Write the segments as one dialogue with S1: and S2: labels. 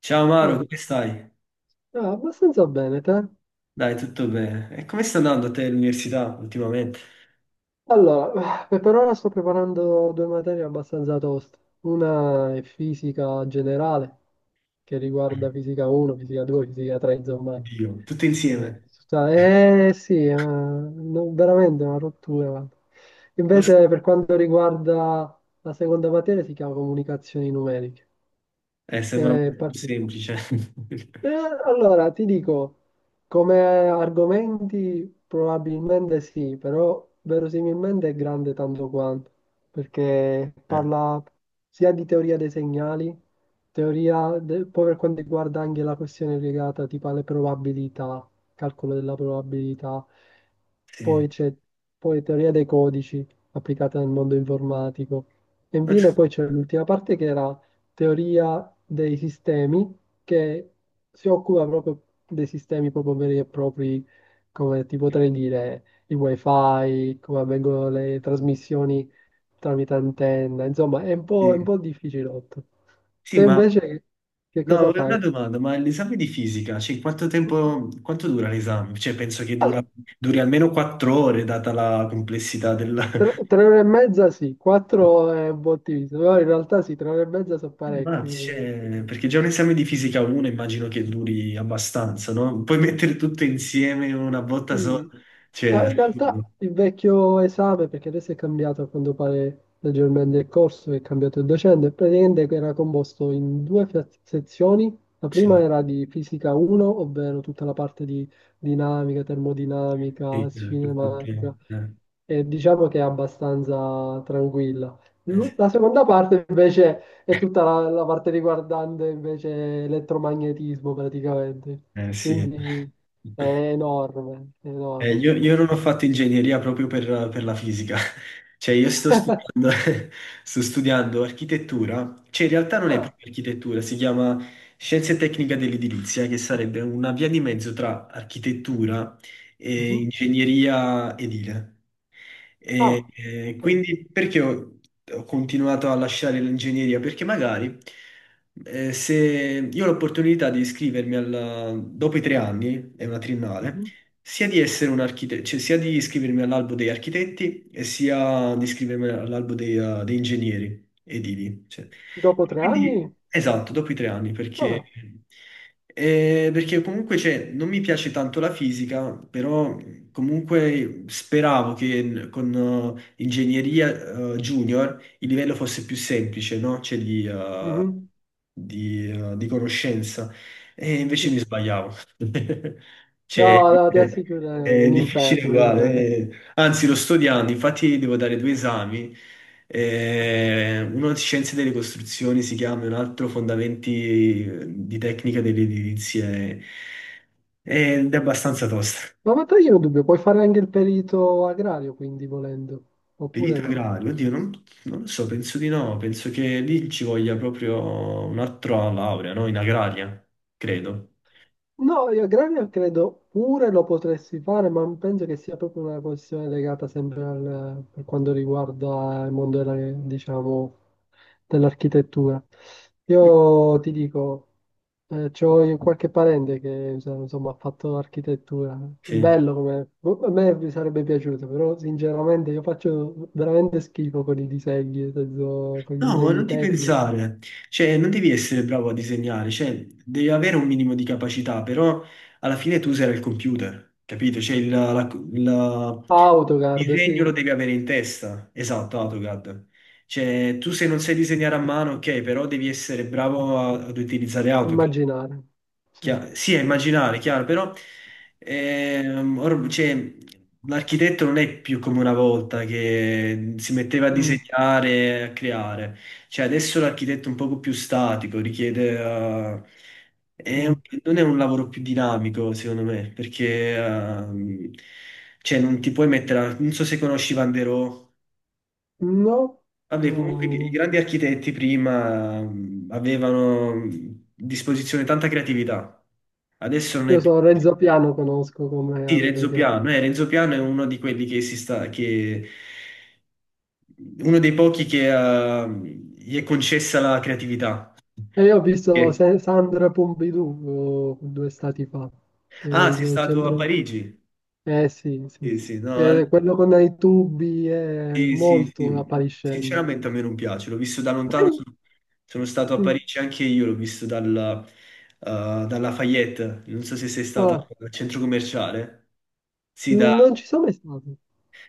S1: Ciao Maro,
S2: Ehi,
S1: come stai?
S2: abbastanza bene, te?
S1: Dai, tutto bene. E come sta andando a te l'università ultimamente?
S2: Allora, per ora sto preparando due materie abbastanza toste. Una è fisica generale, che riguarda fisica 1, fisica 2, fisica 3, insomma.
S1: Oddio, tutto insieme.
S2: Sì, veramente una rottura, guarda.
S1: Non so-
S2: Invece, per quanto riguarda la seconda materia, si chiama comunicazioni numeriche. È
S1: Sembra
S2: mm.
S1: molto più semplice.
S2: Eh, allora, ti dico, come argomenti probabilmente sì, però verosimilmente è grande tanto quanto, perché
S1: Eh,
S2: parla sia di teoria dei segnali, poi per quanto riguarda anche la questione legata tipo alle probabilità, calcolo della probabilità, poi
S1: sì.
S2: c'è poi teoria dei codici applicata nel mondo informatico, e
S1: Non so-
S2: infine poi c'è l'ultima parte che era teoria dei sistemi che si occupa proprio dei sistemi proprio veri e propri, come ti potrei dire, i wifi, come avvengono le trasmissioni tramite antenna, insomma, è
S1: Sì.
S2: un po' difficilotto.
S1: Sì,
S2: Te
S1: ma
S2: invece che
S1: no,
S2: cosa
S1: avrei una
S2: fai?
S1: domanda, ma l'esame di fisica, cioè, quanto tempo, quanto dura l'esame? Cioè, penso che duri almeno 4 ore, data la complessità del.
S2: Tre ore e mezza sì, quattro è un po' ottimista, però in realtà sì, tre ore e mezza sono parecchie.
S1: Perché già un esame di fisica 1 immagino che duri abbastanza, no? Puoi mettere tutto insieme in una botta sola,
S2: Sì.
S1: cioè,
S2: Ma in realtà
S1: assurdo.
S2: il vecchio esame, perché adesso è cambiato a quanto pare leggermente il corso, è cambiato il docente, praticamente era composto in due sezioni. La prima
S1: Sì,
S2: era di fisica 1, ovvero tutta la parte di dinamica, termodinamica,
S1: sì, infatti,
S2: cinematica, e diciamo che è abbastanza tranquilla.
S1: eh sì.
S2: La seconda parte invece è tutta la parte riguardante invece elettromagnetismo praticamente.
S1: Sì.
S2: Quindi è enorme, è enorme.
S1: Io non ho fatto ingegneria proprio per la fisica, cioè io sto studiando architettura, cioè in realtà non è
S2: Ah,
S1: proprio architettura, si chiama Scienze Tecnica dell'Edilizia, che sarebbe una via di mezzo tra architettura e
S2: mhm.
S1: ingegneria edile.
S2: Ah, ok.
S1: Quindi perché ho continuato a lasciare l'ingegneria? Perché magari se io ho l'opportunità di iscrivermi dopo i 3 anni, è una triennale,
S2: Mhm.
S1: sia di essere un architetto, cioè sia di iscrivermi all'albo degli architetti e sia di iscrivermi all'albo dei ingegneri edili. Cioè.
S2: Dopo tre
S1: Quindi,
S2: anni?
S1: esatto, dopo i 3 anni, perché,
S2: Ah,
S1: eh, perché comunque cioè, non mi piace tanto la fisica, però comunque speravo che con ingegneria junior il livello fosse più semplice, no? Cioè di, eh,
S2: mhm,
S1: di, eh, di conoscenza. E invece
S2: sì.
S1: mi sbagliavo. Cioè,
S2: No, no, ti
S1: è,
S2: assicuro, è
S1: è
S2: un
S1: difficile
S2: inferno, un
S1: uguale.
S2: inferno.
S1: Anzi, lo sto odiando. Infatti, devo dare due esami. Uno di Scienze delle Costruzioni si chiama, e un altro Fondamenti di Tecnica delle Edilizie. Ed è abbastanza tosta.
S2: Ma io ho un dubbio, puoi fare anche il perito agrario, quindi volendo, oppure
S1: Perito
S2: no?
S1: agrario, oddio, non lo so, penso di no. Penso che lì ci voglia proprio un'altra laurea, no? In agraria, credo.
S2: No, io aggravio credo pure lo potresti fare, ma penso che sia proprio una questione legata sempre al, per quanto riguarda il mondo della, diciamo, dell'architettura. Io ti dico, c'ho io qualche parente che insomma, ha fatto architettura.
S1: Sì.
S2: Bello come... boh, a me mi sarebbe piaciuto, però sinceramente io faccio veramente schifo con i disegni, nel senso, con i
S1: No, ma
S2: disegni
S1: non ti
S2: tecnici.
S1: pensare, cioè non devi essere bravo a disegnare, cioè devi avere un minimo di capacità, però alla fine tu userai il computer, capito? Cioè il
S2: AutoCAD,
S1: disegno
S2: sì,
S1: lo devi avere in testa, esatto, AutoCAD. Cioè tu se non sai disegnare a mano, ok, però devi essere bravo ad utilizzare AutoCAD.
S2: immaginare. Sì.
S1: Sì, è immaginare, chiaro, però cioè, l'architetto non è più come una volta che si metteva a
S2: Mm,
S1: disegnare, a creare. Cioè, adesso l'architetto è un poco più statico, richiede, è un-
S2: mm.
S1: non è un lavoro più dinamico, secondo me, perché cioè, non ti puoi mettere, non so se conosci Van der Rohe.
S2: No,
S1: Vabbè, comunque i
S2: no.
S1: grandi architetti prima avevano a disposizione tanta creatività. Adesso non
S2: Io
S1: è più.
S2: so Renzo Piano conosco come
S1: Sì,
S2: aveva
S1: Renzo Piano, eh, Renzo Piano è uno di quelli che che uno dei pochi che gli è concessa la creatività.
S2: e io ho visto
S1: Perché-
S2: Sandra Pompidou due stati fa, che è
S1: Ah, sei
S2: il
S1: stato a
S2: centro...
S1: Parigi?
S2: Eh sì, sì,
S1: Sì,
S2: sì.
S1: sì,
S2: Che
S1: no,
S2: è quello con i tubi è
S1: sì, sì,
S2: molto
S1: sì.
S2: appariscente.
S1: Sinceramente a me non piace, l'ho visto da lontano,
S2: Dai.
S1: sono stato a
S2: Mm.
S1: Parigi anche io, l'ho visto dalla Lafayette, non so se sei stato
S2: Ah,
S1: al centro commerciale. Sì, da.
S2: non ci sono mai stato.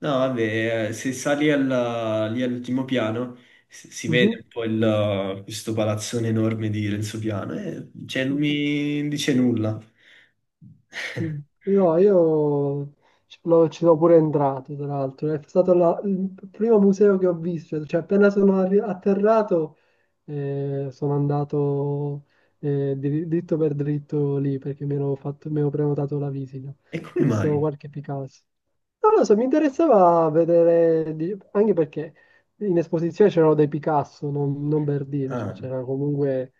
S1: No, vabbè, se sali lì all'ultimo piano si vede un po' questo palazzone enorme di Renzo Piano, e cioè, non
S2: Mhm.
S1: mi dice nulla.
S2: Mm. No, io ci sono pure entrato, tra l'altro. È stato il primo museo che ho visto, cioè appena sono atterrato sono andato dritto per dritto lì perché mi ero prenotato la visita. Ho
S1: E come
S2: visto
S1: mai?
S2: qualche Picasso. Non lo so, mi interessava vedere, anche perché in esposizione c'erano dei Picasso, non per dire, cioè
S1: Ah,
S2: c'era comunque,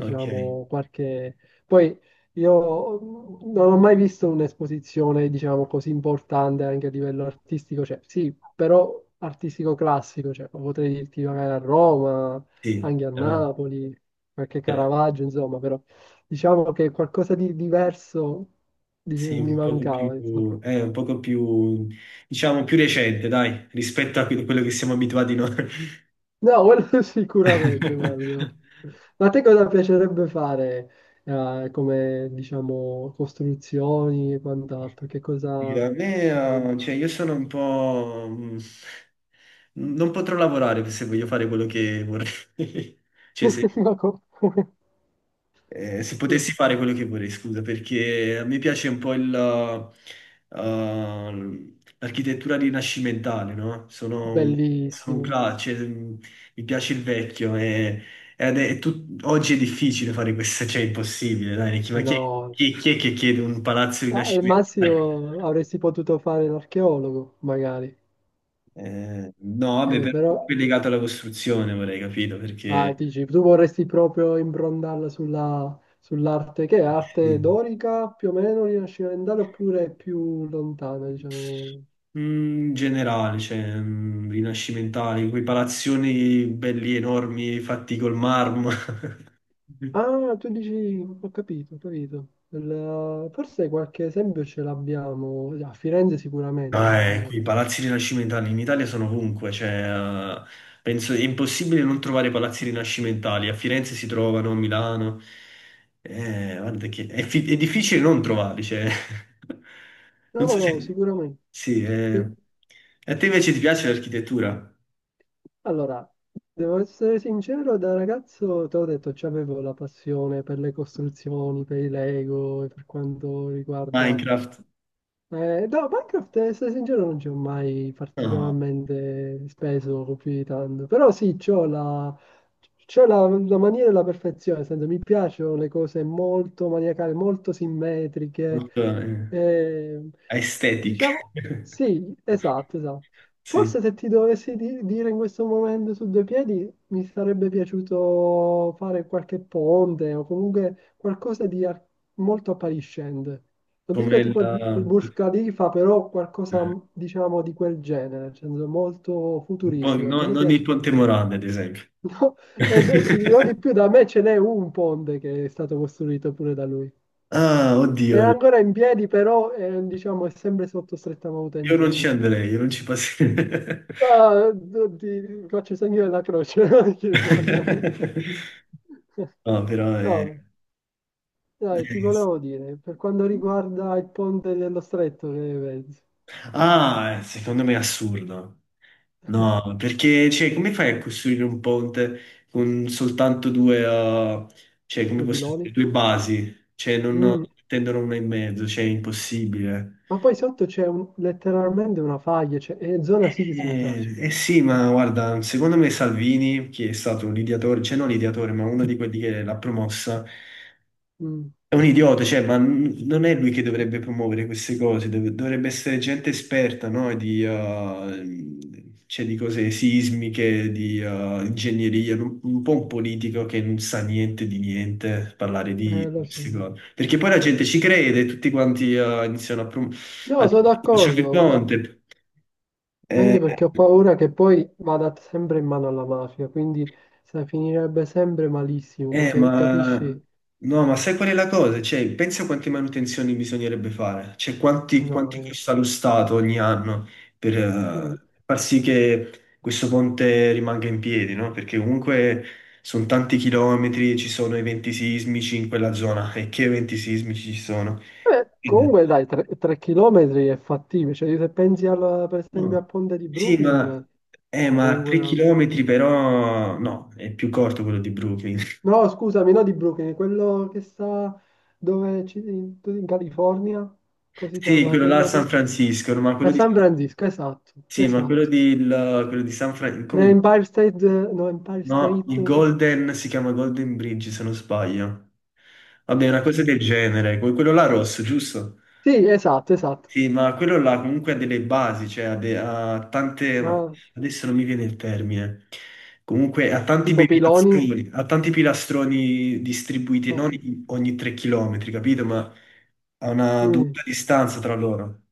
S1: ok,
S2: qualche... Poi io non ho mai visto un'esposizione, diciamo, così importante anche a livello artistico, cioè sì, però artistico classico, cioè potrei dirti magari a Roma,
S1: sì,
S2: anche a Napoli, qualche Caravaggio, insomma, però diciamo che qualcosa di diverso dice,
S1: sì,
S2: mi mancava, insomma.
S1: è un poco più, diciamo, più recente, dai, rispetto a quello che siamo abituati noi.
S2: No, quello sicuramente, guarda. Ma a te cosa piacerebbe fare, come, diciamo, costruzioni e quant'altro? Che cosa...
S1: A me, cioè, io sono un po'. Non potrò lavorare se voglio fare quello che vorrei. Cioè,
S2: Ma come?
S1: Se potessi fare quello che vorrei, scusa, perché a me piace un po' l'architettura rinascimentale, no? Sono un, sono un
S2: Bellissimo.
S1: cla- cioè, mi piace il vecchio. Oggi è difficile fare questo, cioè è impossibile, dai, Nicky,
S2: No,
S1: chi è che chiede un palazzo
S2: Al
S1: rinascimentale?
S2: massimo avresti potuto fare l'archeologo, magari.
S1: No, vabbè,
S2: Eh,
S1: però è
S2: però,
S1: legato alla costruzione, vorrei capito, perché.
S2: dici, tu vorresti proprio imbrondarla sull'arte, che è arte
S1: Sì.
S2: dorica, più o meno rinascimentale, oppure più lontana, diciamo.
S1: In generale, cioè, rinascimentali, quei palazzoni belli enormi fatti col marmo.
S2: Ah, tu dici, ho capito, ho capito. Forse qualche esempio ce l'abbiamo, a Firenze
S1: Ah,
S2: sicuramente, cioè,
S1: qui i palazzi rinascimentali in Italia sono ovunque, cioè, penso è impossibile non trovare palazzi rinascimentali. A Firenze si trovano, a Milano. Guarda che è difficile non trovarli, cioè. Non
S2: no,
S1: so
S2: no,
S1: se.
S2: sicuramente.
S1: Sì, eh.
S2: Sì.
S1: A te invece ti piace l'architettura?
S2: Allora, devo essere sincero, da ragazzo, ti ho detto, c'avevo la passione per le costruzioni, per i Lego e per quanto riguarda.
S1: Minecraft?
S2: No, Minecraft, essere sincero, non ci ho mai
S1: No.
S2: particolarmente speso più di tanto. Però sì, c'ho la, la mania della perfezione, nel senso, mi piacciono le cose molto maniacali, molto simmetriche.
S1: Molto
S2: Eh,
S1: aesthetic.
S2: diciamo, sì, esatto, esatto.
S1: Sì,
S2: Forse se ti dovessi dire in questo momento su due piedi, mi sarebbe piaciuto fare qualche ponte o comunque qualcosa di molto appariscente. Non
S1: come
S2: dico
S1: il,
S2: tipo di Burj Khalifa, però qualcosa, diciamo, di quel genere, nel senso molto
S1: un po'-
S2: futuristico, che
S1: no-
S2: a me
S1: non il
S2: piace.
S1: Ponte Morandi, ad esempio.
S2: No, e ti dirò di più, da me ce n'è un ponte che è stato costruito pure da lui.
S1: Ah,
S2: È
S1: oddio,
S2: ancora in piedi, però è, diciamo, è sempre sotto stretta
S1: io non ci
S2: manutenzione.
S1: andrei, io non ci passerei.
S2: Ah, ti faccio il segno della croce ogni volta
S1: No, però è.
S2: No, dai, ti volevo dire, per quanto riguarda il ponte dello stretto, che pensi?
S1: Ah, secondo me è assurdo. No, perché, cioè, come fai a costruire un ponte con soltanto due, cioè, come
S2: Due
S1: posso dire,
S2: piloni?
S1: due basi? Cioè, non
S2: Mm.
S1: tendono una in mezzo, cioè, è impossibile.
S2: Ma poi sotto c'è letteralmente una faglia, cioè, è zona sismica,
S1: Eh,
S2: cioè.
S1: eh sì, ma guarda, secondo me Salvini, che è stato un ideatore, cioè non ideatore, ma uno di quelli che l'ha promossa.
S2: Mm.
S1: È un idiota, cioè, ma non è lui che dovrebbe promuovere queste cose, dovrebbe essere gente esperta, no? Cioè, di cose sismiche, di ingegneria, un po' un politico che non sa niente di niente, parlare di
S2: Lo so.
S1: queste cose. Perché poi la gente ci crede, tutti quanti iniziano a, prom-
S2: No,
S1: a
S2: sono
S1: dire che c'è il
S2: d'accordo, ma
S1: Conte. Eh,
S2: anche perché ho paura che poi vada sempre in mano alla mafia, quindi sai, finirebbe sempre malissimo,
S1: Eh,
S2: perché
S1: ma
S2: capisci?
S1: no, ma sai qual è la cosa? Cioè, pensa quante manutenzioni bisognerebbe fare, cioè quanti,
S2: No,
S1: quanti
S2: è
S1: costa
S2: assurdo.
S1: lo Stato ogni anno per
S2: Mm.
S1: far sì che questo ponte rimanga in piedi, no? Perché comunque sono tanti chilometri, ci sono eventi sismici in quella zona, e che eventi sismici ci sono? Eh,
S2: Comunque dai, 3 chilometri è fattibile, cioè se pensi per esempio a
S1: no.
S2: Ponte di
S1: Sì,
S2: Brooklyn,
S1: ma, eh,
S2: o
S1: ma
S2: comunque
S1: 3
S2: a
S1: chilometri però no, è più corto quello di Brooklyn.
S2: no, scusami, no di Brooklyn, quello che sta dove in, in California, così si
S1: Sì,
S2: chiama,
S1: quello là a San Francisco, no, ma quello
S2: a
S1: di
S2: San Francisco, esatto,
S1: sì, ma quello
S2: esatto.
S1: quello di San Francisco,
S2: L'Empire State, no, Empire
S1: no,
S2: State,
S1: il Golden si chiama Golden Bridge, se non sbaglio. Vabbè, una
S2: ok.
S1: cosa del genere, quello là rosso, giusto?
S2: Sì, esatto, esatto.
S1: Sì, ma quello là comunque ha delle basi, cioè ha tante, ma
S2: Ah,
S1: adesso non mi viene il termine, comunque ha tanti
S2: tipo
S1: bei
S2: piloni,
S1: pilastroni, ha tanti pilastroni distribuiti,
S2: ok.
S1: non ogni 3 chilometri, capito? Ma a una
S2: Mm.
S1: dovuta distanza tra loro.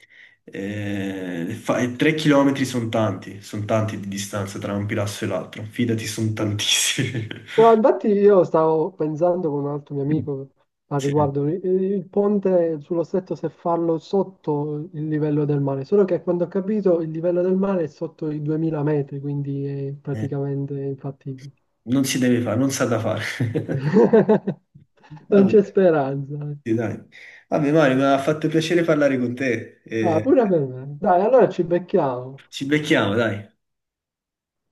S1: E 3 chilometri sono tanti di distanza tra un pilastro e l'altro, fidati, sono tantissimi.
S2: No, infatti io stavo pensando con un altro mio amico al
S1: Sì.
S2: riguardo, il ponte sullo stretto se farlo sotto il livello del mare, solo che quando ho capito il livello del mare è sotto i 2000 metri, quindi è
S1: Eh,
S2: praticamente infattibile.
S1: non si deve fare, non sa da fare.
S2: Non c'è
S1: Vabbè.
S2: speranza.
S1: Sì, dai. Vabbè Mario, mi ha fatto piacere parlare con te,
S2: Ah, pure per me. Dai, allora ci becchiamo.
S1: ci becchiamo, dai.